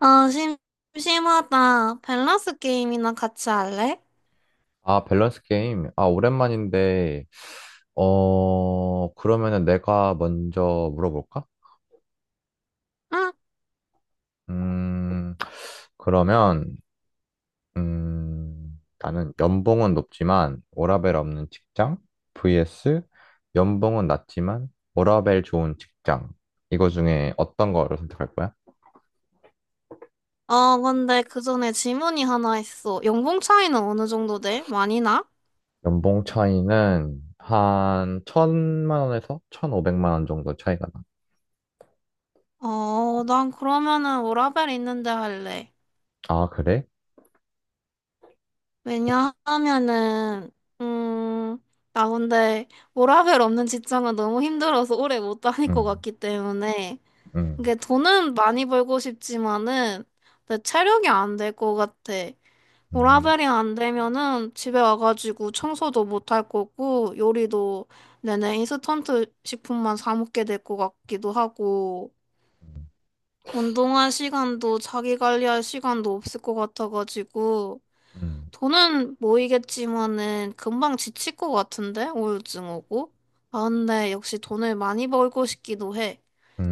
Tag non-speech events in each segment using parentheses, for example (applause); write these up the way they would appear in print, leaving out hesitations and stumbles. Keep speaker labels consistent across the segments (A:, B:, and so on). A: 아, 심하다. 밸런스 게임이나 같이 할래?
B: 아, 밸런스 게임. 아, 오랜만인데, 그러면은 내가 먼저 물어볼까?
A: 응?
B: 음, 그러면, 나는 연봉은 높지만 워라밸 없는 직장 vs 연봉은 낮지만 워라밸 좋은 직장. 이거 중에 어떤 거를 선택할 거야?
A: 어, 근데 그 전에 질문이 하나 있어. 연봉 차이는 어느 정도 돼? 많이 나?
B: 연봉 차이는 한 천만 원에서 1,500만 원 정도 차이가 나.
A: 어, 난 그러면은 워라밸 있는데 할래.
B: 아, 그래?
A: 왜냐하면은, 음, 나 근데 워라밸 없는 직장은 너무 힘들어서 오래 못 다닐 것
B: 응,
A: 같기 때문에.
B: 응,
A: 이게 돈은 많이 벌고 싶지만은, 내 체력이 안 될 것 같아.
B: 응,
A: 워라벨이 안 되면은 집에 와가지고 청소도 못할 거고 요리도 내내 인스턴트 식품만 사 먹게 될 것 같기도 하고 운동할 시간도 자기 관리할 시간도 없을 것 같아가지고
B: 응.
A: 돈은 모이겠지만은 금방 지칠 것 같은데 우울증 오고. 아 근데 역시 돈을 많이 벌고 싶기도 해.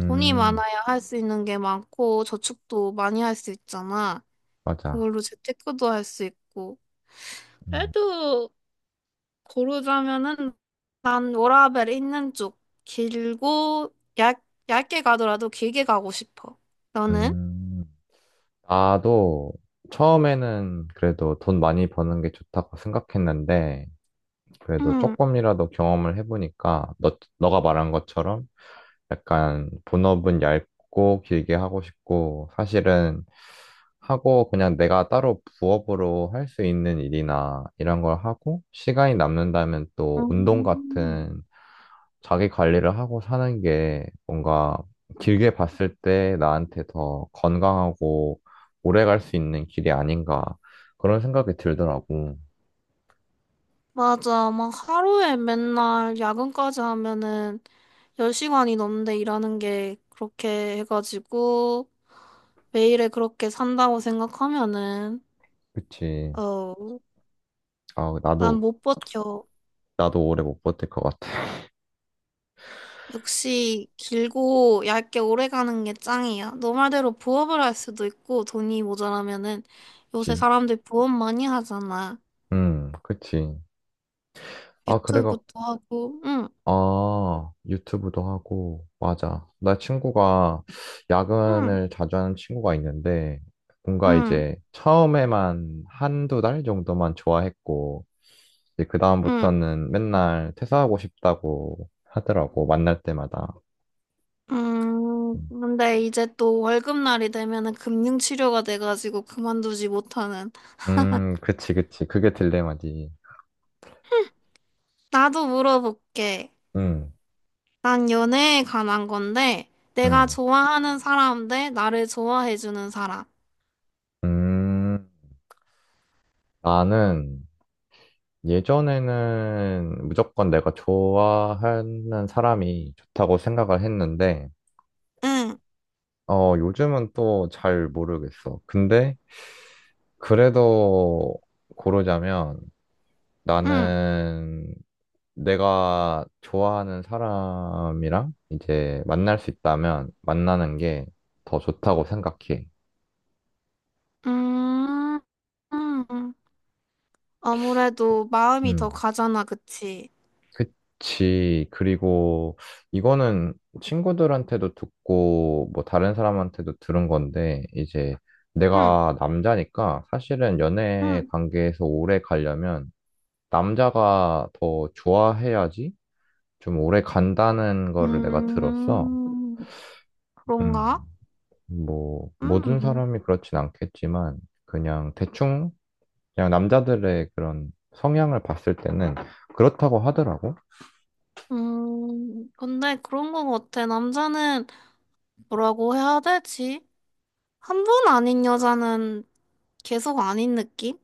A: 돈이 많아야 할 수 있는 게 많고 저축도 많이 할 수 있잖아.
B: 맞아.
A: 그걸로 재테크도 할 수 있고.
B: 음,
A: 그래도 고르자면은 난 워라밸 있는 쪽, 길고 얇게 가더라도 길게 가고 싶어. 너는?
B: 음. 나도 처음에는 그래도 돈 많이 버는 게 좋다고 생각했는데, 그래도
A: 응.
B: 조금이라도 경험을 해보니까, 너가 말한 것처럼 약간 본업은 얇고 길게 하고 싶고, 사실은 하고 그냥 내가 따로 부업으로 할 수 있는 일이나 이런 걸 하고, 시간이 남는다면 또 운동
A: 음.
B: 같은 자기 관리를 하고 사는 게 뭔가 길게 봤을 때 나한테 더 건강하고 오래 갈 수 있는 길이 아닌가 그런 생각이 들더라고.
A: 맞아. 막 하루에 맨날 야근까지 하면은 10시간이 넘는데 일하는 게 그렇게 해가지고 매일에 그렇게 산다고 생각하면은,
B: 그치.
A: 어,
B: 아,
A: 난
B: 나도,
A: 못 버텨.
B: 나도 오래 못 버틸 것 같아. (laughs)
A: 역시 길고 얇게 오래 가는 게 짱이야. 너 말대로 부업을 할 수도 있고 돈이 모자라면은, 요새
B: 그치.
A: 사람들 부업 많이 하잖아.
B: 그치. 아, 그래가,
A: 유튜브도 하고, 응,
B: 아, 유튜브도 하고, 맞아. 나 친구가
A: 응,
B: 야근을 자주 하는 친구가 있는데, 뭔가
A: 응,
B: 이제 처음에만 한두 달 정도만 좋아했고, 이제
A: 응,
B: 그다음부터는 맨날 퇴사하고 싶다고 하더라고, 만날 때마다.
A: 응.
B: 음,
A: 근데 이제 또 월급날이 되면은 금융치료가 돼가지고 그만두지 못하는.
B: 그치, 그치. 그게 딜레마지.
A: 나도 물어볼게.
B: 음,
A: 난 연애에 관한 건데, 내가
B: 음,
A: 좋아하는 사람 대 나를 좋아해주는 사람.
B: 음. 나는 예전에는 무조건 내가 좋아하는 사람이 좋다고 생각을 했는데,
A: 응,
B: 요즘은 또 잘 모르겠어. 근데 그래도 고르자면
A: 응,
B: 나는 내가 좋아하는 사람이랑 이제 만날 수 있다면 만나는 게 더 좋다고 생각해.
A: 음. 음. 음. 아무래도 마음이 더
B: 음,
A: 가잖아, 그치?
B: 그치. 그리고 이거는 친구들한테도 듣고 뭐 다른 사람한테도 들은 건데 이제
A: 응,
B: 내가 남자니까 사실은 연애
A: 응.
B: 관계에서 오래 가려면 남자가 더 좋아해야지 좀 오래 간다는 거를 내가 들었어.
A: 음,
B: 음.
A: 그런가?
B: 뭐, 모든
A: 음,
B: 사람이 그렇진 않겠지만, 그냥 대충, 그냥 남자들의 그런 성향을 봤을 때는 그렇다고 하더라고.
A: 근데 그런 거 같아. 남자는 뭐라고 해야 되지? 한 번 아닌 여자는 계속 아닌 느낌?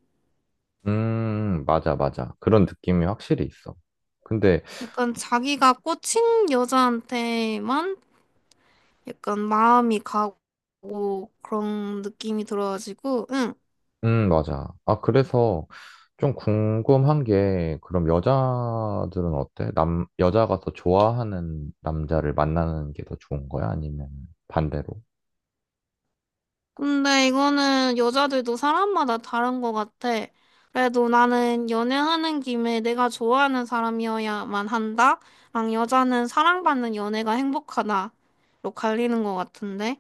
B: 맞아, 맞아. 그런 느낌이 확실히 있어. 근데,
A: 약간 자기가 꽂힌 여자한테만 약간 마음이 가고 그런 느낌이 들어가지고, 응.
B: 맞아. 아, 그래서 좀 궁금한 게, 그럼 여자들은 어때? 남, 여자가 더 좋아하는 남자를 만나는 게 더 좋은 거야? 아니면 반대로?
A: 근데 이거는 여자들도 사람마다 다른 것 같아. 그래도 나는 연애하는 김에 내가 좋아하는 사람이어야만 한다? 랑 여자는 사랑받는 연애가 행복하다로 갈리는 것 같은데?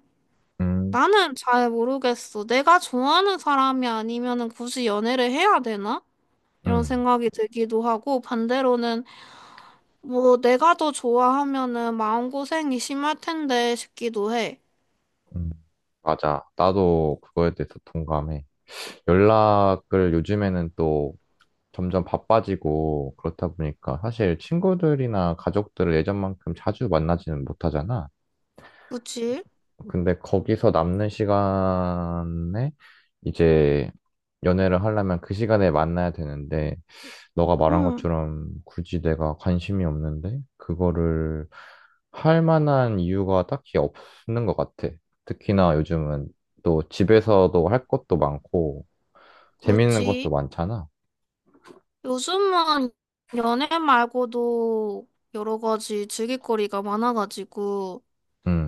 B: 음,
A: 나는 잘 모르겠어. 내가 좋아하는 사람이 아니면은 굳이 연애를 해야 되나? 이런
B: 음,
A: 생각이 들기도 하고, 반대로는 뭐 내가 더 좋아하면은 마음고생이 심할 텐데 싶기도 해.
B: 음. 맞아. 나도 그거에 대해서 동감해. 연락을 요즘에는 또 점점 바빠지고 그렇다 보니까 사실 친구들이나 가족들을 예전만큼 자주 만나지는 못하잖아.
A: 그치?
B: 근데 거기서 남는 시간에 이제 연애를 하려면 그 시간에 만나야 되는데 너가 말한
A: 응,
B: 것처럼 굳이 내가 관심이 없는데 그거를 할 만한 이유가 딱히 없는 것 같아. 특히나 요즘은 또 집에서도 할 것도 많고 재밌는 것도
A: 그치.
B: 많잖아.
A: 요즘은 연애 말고도 여러 가지 즐길거리가 많아가지고,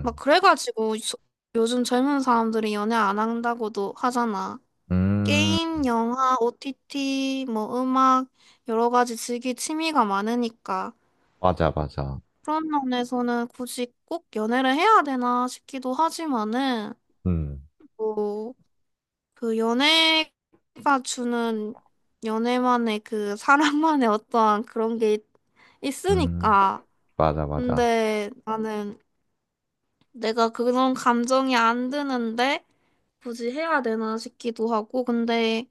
A: 막 요즘 젊은 사람들이 연애 안 한다고도 하잖아.
B: 음,
A: 게임, 영화, OTT, 뭐 음악, 여러 가지 즐길 취미가 많으니까.
B: 맞아, 맞아.
A: 그런 면에서는 굳이 꼭 연애를 해야 되나 싶기도 하지만은,
B: 음,
A: 뭐 그 연애가 주는, 연애만의 그 사람만의 어떠한 그런 게
B: 음,
A: 있으니까.
B: 맞아, 맞아.
A: 근데 나는 내가 그런 감정이 안 드는데 굳이 해야 되나 싶기도 하고. 근데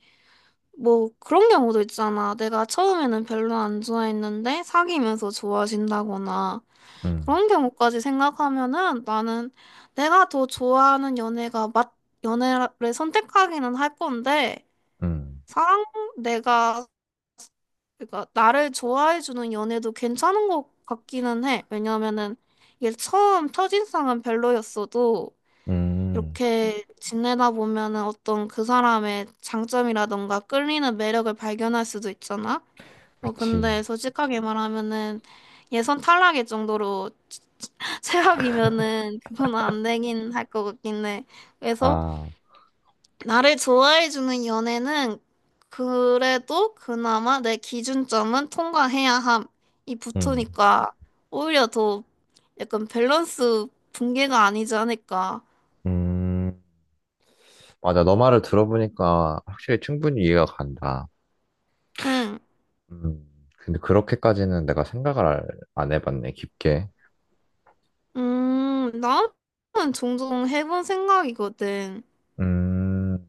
A: 뭐 그런 경우도 있잖아. 내가 처음에는 별로 안 좋아했는데 사귀면서 좋아진다거나
B: 음,
A: 그런 경우까지 생각하면은 나는 내가 더 좋아하는 연애가 연애를 선택하기는 할 건데,
B: 음,
A: 사랑, 내가, 그러니까 나를 좋아해 주는 연애도 괜찮은 것 같기는 해. 왜냐면은 이게 처음 첫인상은 별로였어도
B: 음,
A: 이렇게 지내다 보면은 어떤 그 사람의 장점이라던가 끌리는 매력을 발견할 수도 있잖아. 뭐
B: 그치.
A: 근데 솔직하게 말하면은 예선 탈락일 정도로 (laughs) 최악이면은 그건 안 되긴 할 것 같긴 해. 그래서
B: 아,
A: 나를 좋아해주는 연애는 그래도 그나마 내 기준점은 통과해야 함이
B: 음,
A: 붙으니까 오히려 더 약간 밸런스 붕괴가 아니지 않을까.
B: 음, 맞아. 너 말을 들어보니까 확실히 충분히 이해가 간다.
A: 응.
B: 음, 근데 그렇게까지는 내가 생각을 안 해봤네, 깊게.
A: 나는 종종 해본 생각이거든.
B: 음,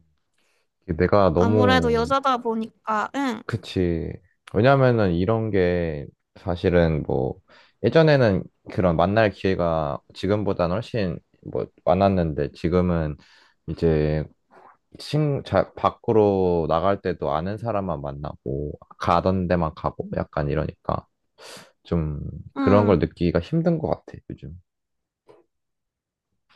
B: 내가
A: 아무래도
B: 너무
A: 여자다 보니까, 응,
B: 그치. 왜냐면은 이런 게 사실은 뭐 예전에는 그런 만날 기회가 지금보다는 훨씬 뭐 많았는데 지금은 이제 밖으로 나갈 때도 아는 사람만 만나고 가던 데만 가고 약간 이러니까 좀 그런
A: 응.
B: 걸 느끼기가 힘든 것 같아, 요즘.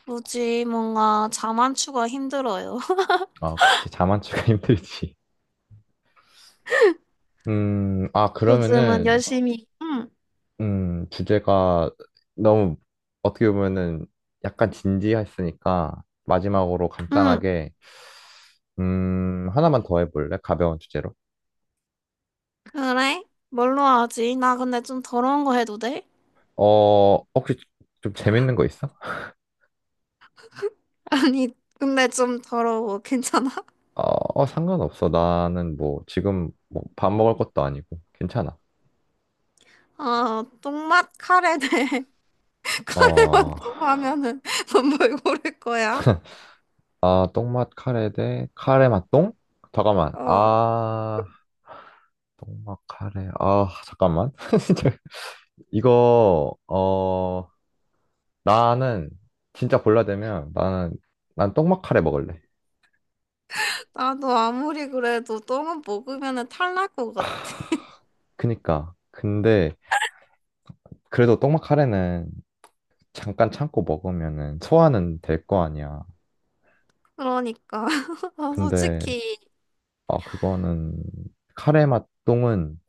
A: 굳이 뭔가 자만추가 힘들어요. (laughs)
B: 아, 그치. 자만추가 (laughs) 힘들지. 아,
A: 요즘은
B: 그러면은
A: 열심히, 응,
B: 주제가 너무 어떻게 보면은 약간 진지했으니까 마지막으로
A: 응.
B: 간단하게 하나만 더 해볼래? 가벼운 주제로.
A: 그래? 뭘로 하지? 나 근데 좀 더러운 거 해도 돼?
B: 혹시 좀 재밌는 거 있어?
A: 아니, 근데 좀 더러워. 괜찮아?
B: 어, 어, 상관없어. 나는 뭐 지금 뭐밥 먹을 것도 아니고 괜찮아.
A: 아, 똥맛 카레 네 카레맛
B: 어,
A: (laughs) 너무 하면은 넌뭘 고를 거야?
B: 아, 똥맛 카레 대 카레 맛 똥? 잠깐만.
A: 어,
B: 아, 똥맛 카레. 아, 잠깐만. (laughs) 진짜 이거 나는 진짜 골라야 되면 나는 난 떡막 카레 먹을래.
A: 나도 아무리 그래도 똥은 먹으면은 탈날 것 같아.
B: 그니까 근데 그래도 떡막 카레는 잠깐 참고 먹으면은 소화는 될 거 아니야.
A: 그러니까. (laughs) 아,
B: 근데
A: 솔직히,
B: 아 그거는 카레 맛똥은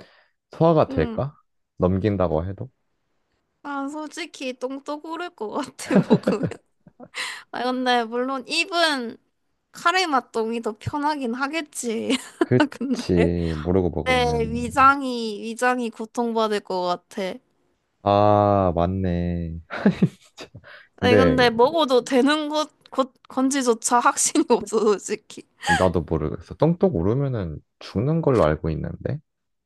B: 소화가
A: 응.
B: 될까? 넘긴다고 해도?
A: 난 솔직히 똥도 고를 것 같아, (laughs) 먹으면. 아, 근데 물론 입은 카레맛 똥이 더 편하긴 하겠지. (laughs) 근데
B: 그치 모르고 먹으면
A: 위장이 고통받을 것 같아.
B: 아 맞네. (laughs) 진짜.
A: 아니
B: 근데
A: 근데 먹어도 되는 것 건지조차 확신이 (laughs) 없어 솔직히.
B: 나도 모르겠어. 똥똥 오르면은 죽는 걸로 알고 있는데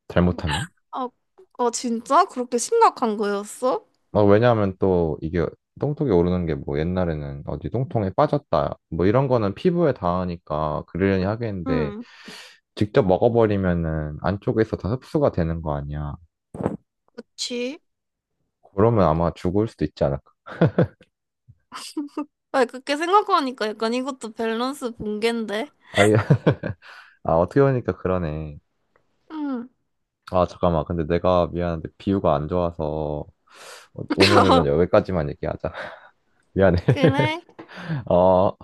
B: 잘못하면?
A: 아, 아 진짜? 그렇게 심각한 거였어?
B: 왜냐하면 또 이게 똥통에 오르는 게 뭐 옛날에는 어디 똥통에 빠졌다 뭐 이런 거는 피부에 닿으니까 그러려니 하겠는데
A: 응.
B: 직접 먹어버리면은 안쪽에서 다 흡수가 되는 거 아니야.
A: 그치?
B: 그러면 아마 죽을 수도 있지 않을까.
A: 아니 그렇게 생각하니까 약간 이것도 밸런스 붕괴인데.
B: 아, (laughs) 아 어떻게 보니까 그러네.
A: 응.
B: 아 잠깐만 근데 내가 미안한데 비유가 안 좋아서 오늘은
A: (laughs)
B: 여기까지만 얘기하자. (laughs) 미안해.
A: 그래
B: (laughs) 어.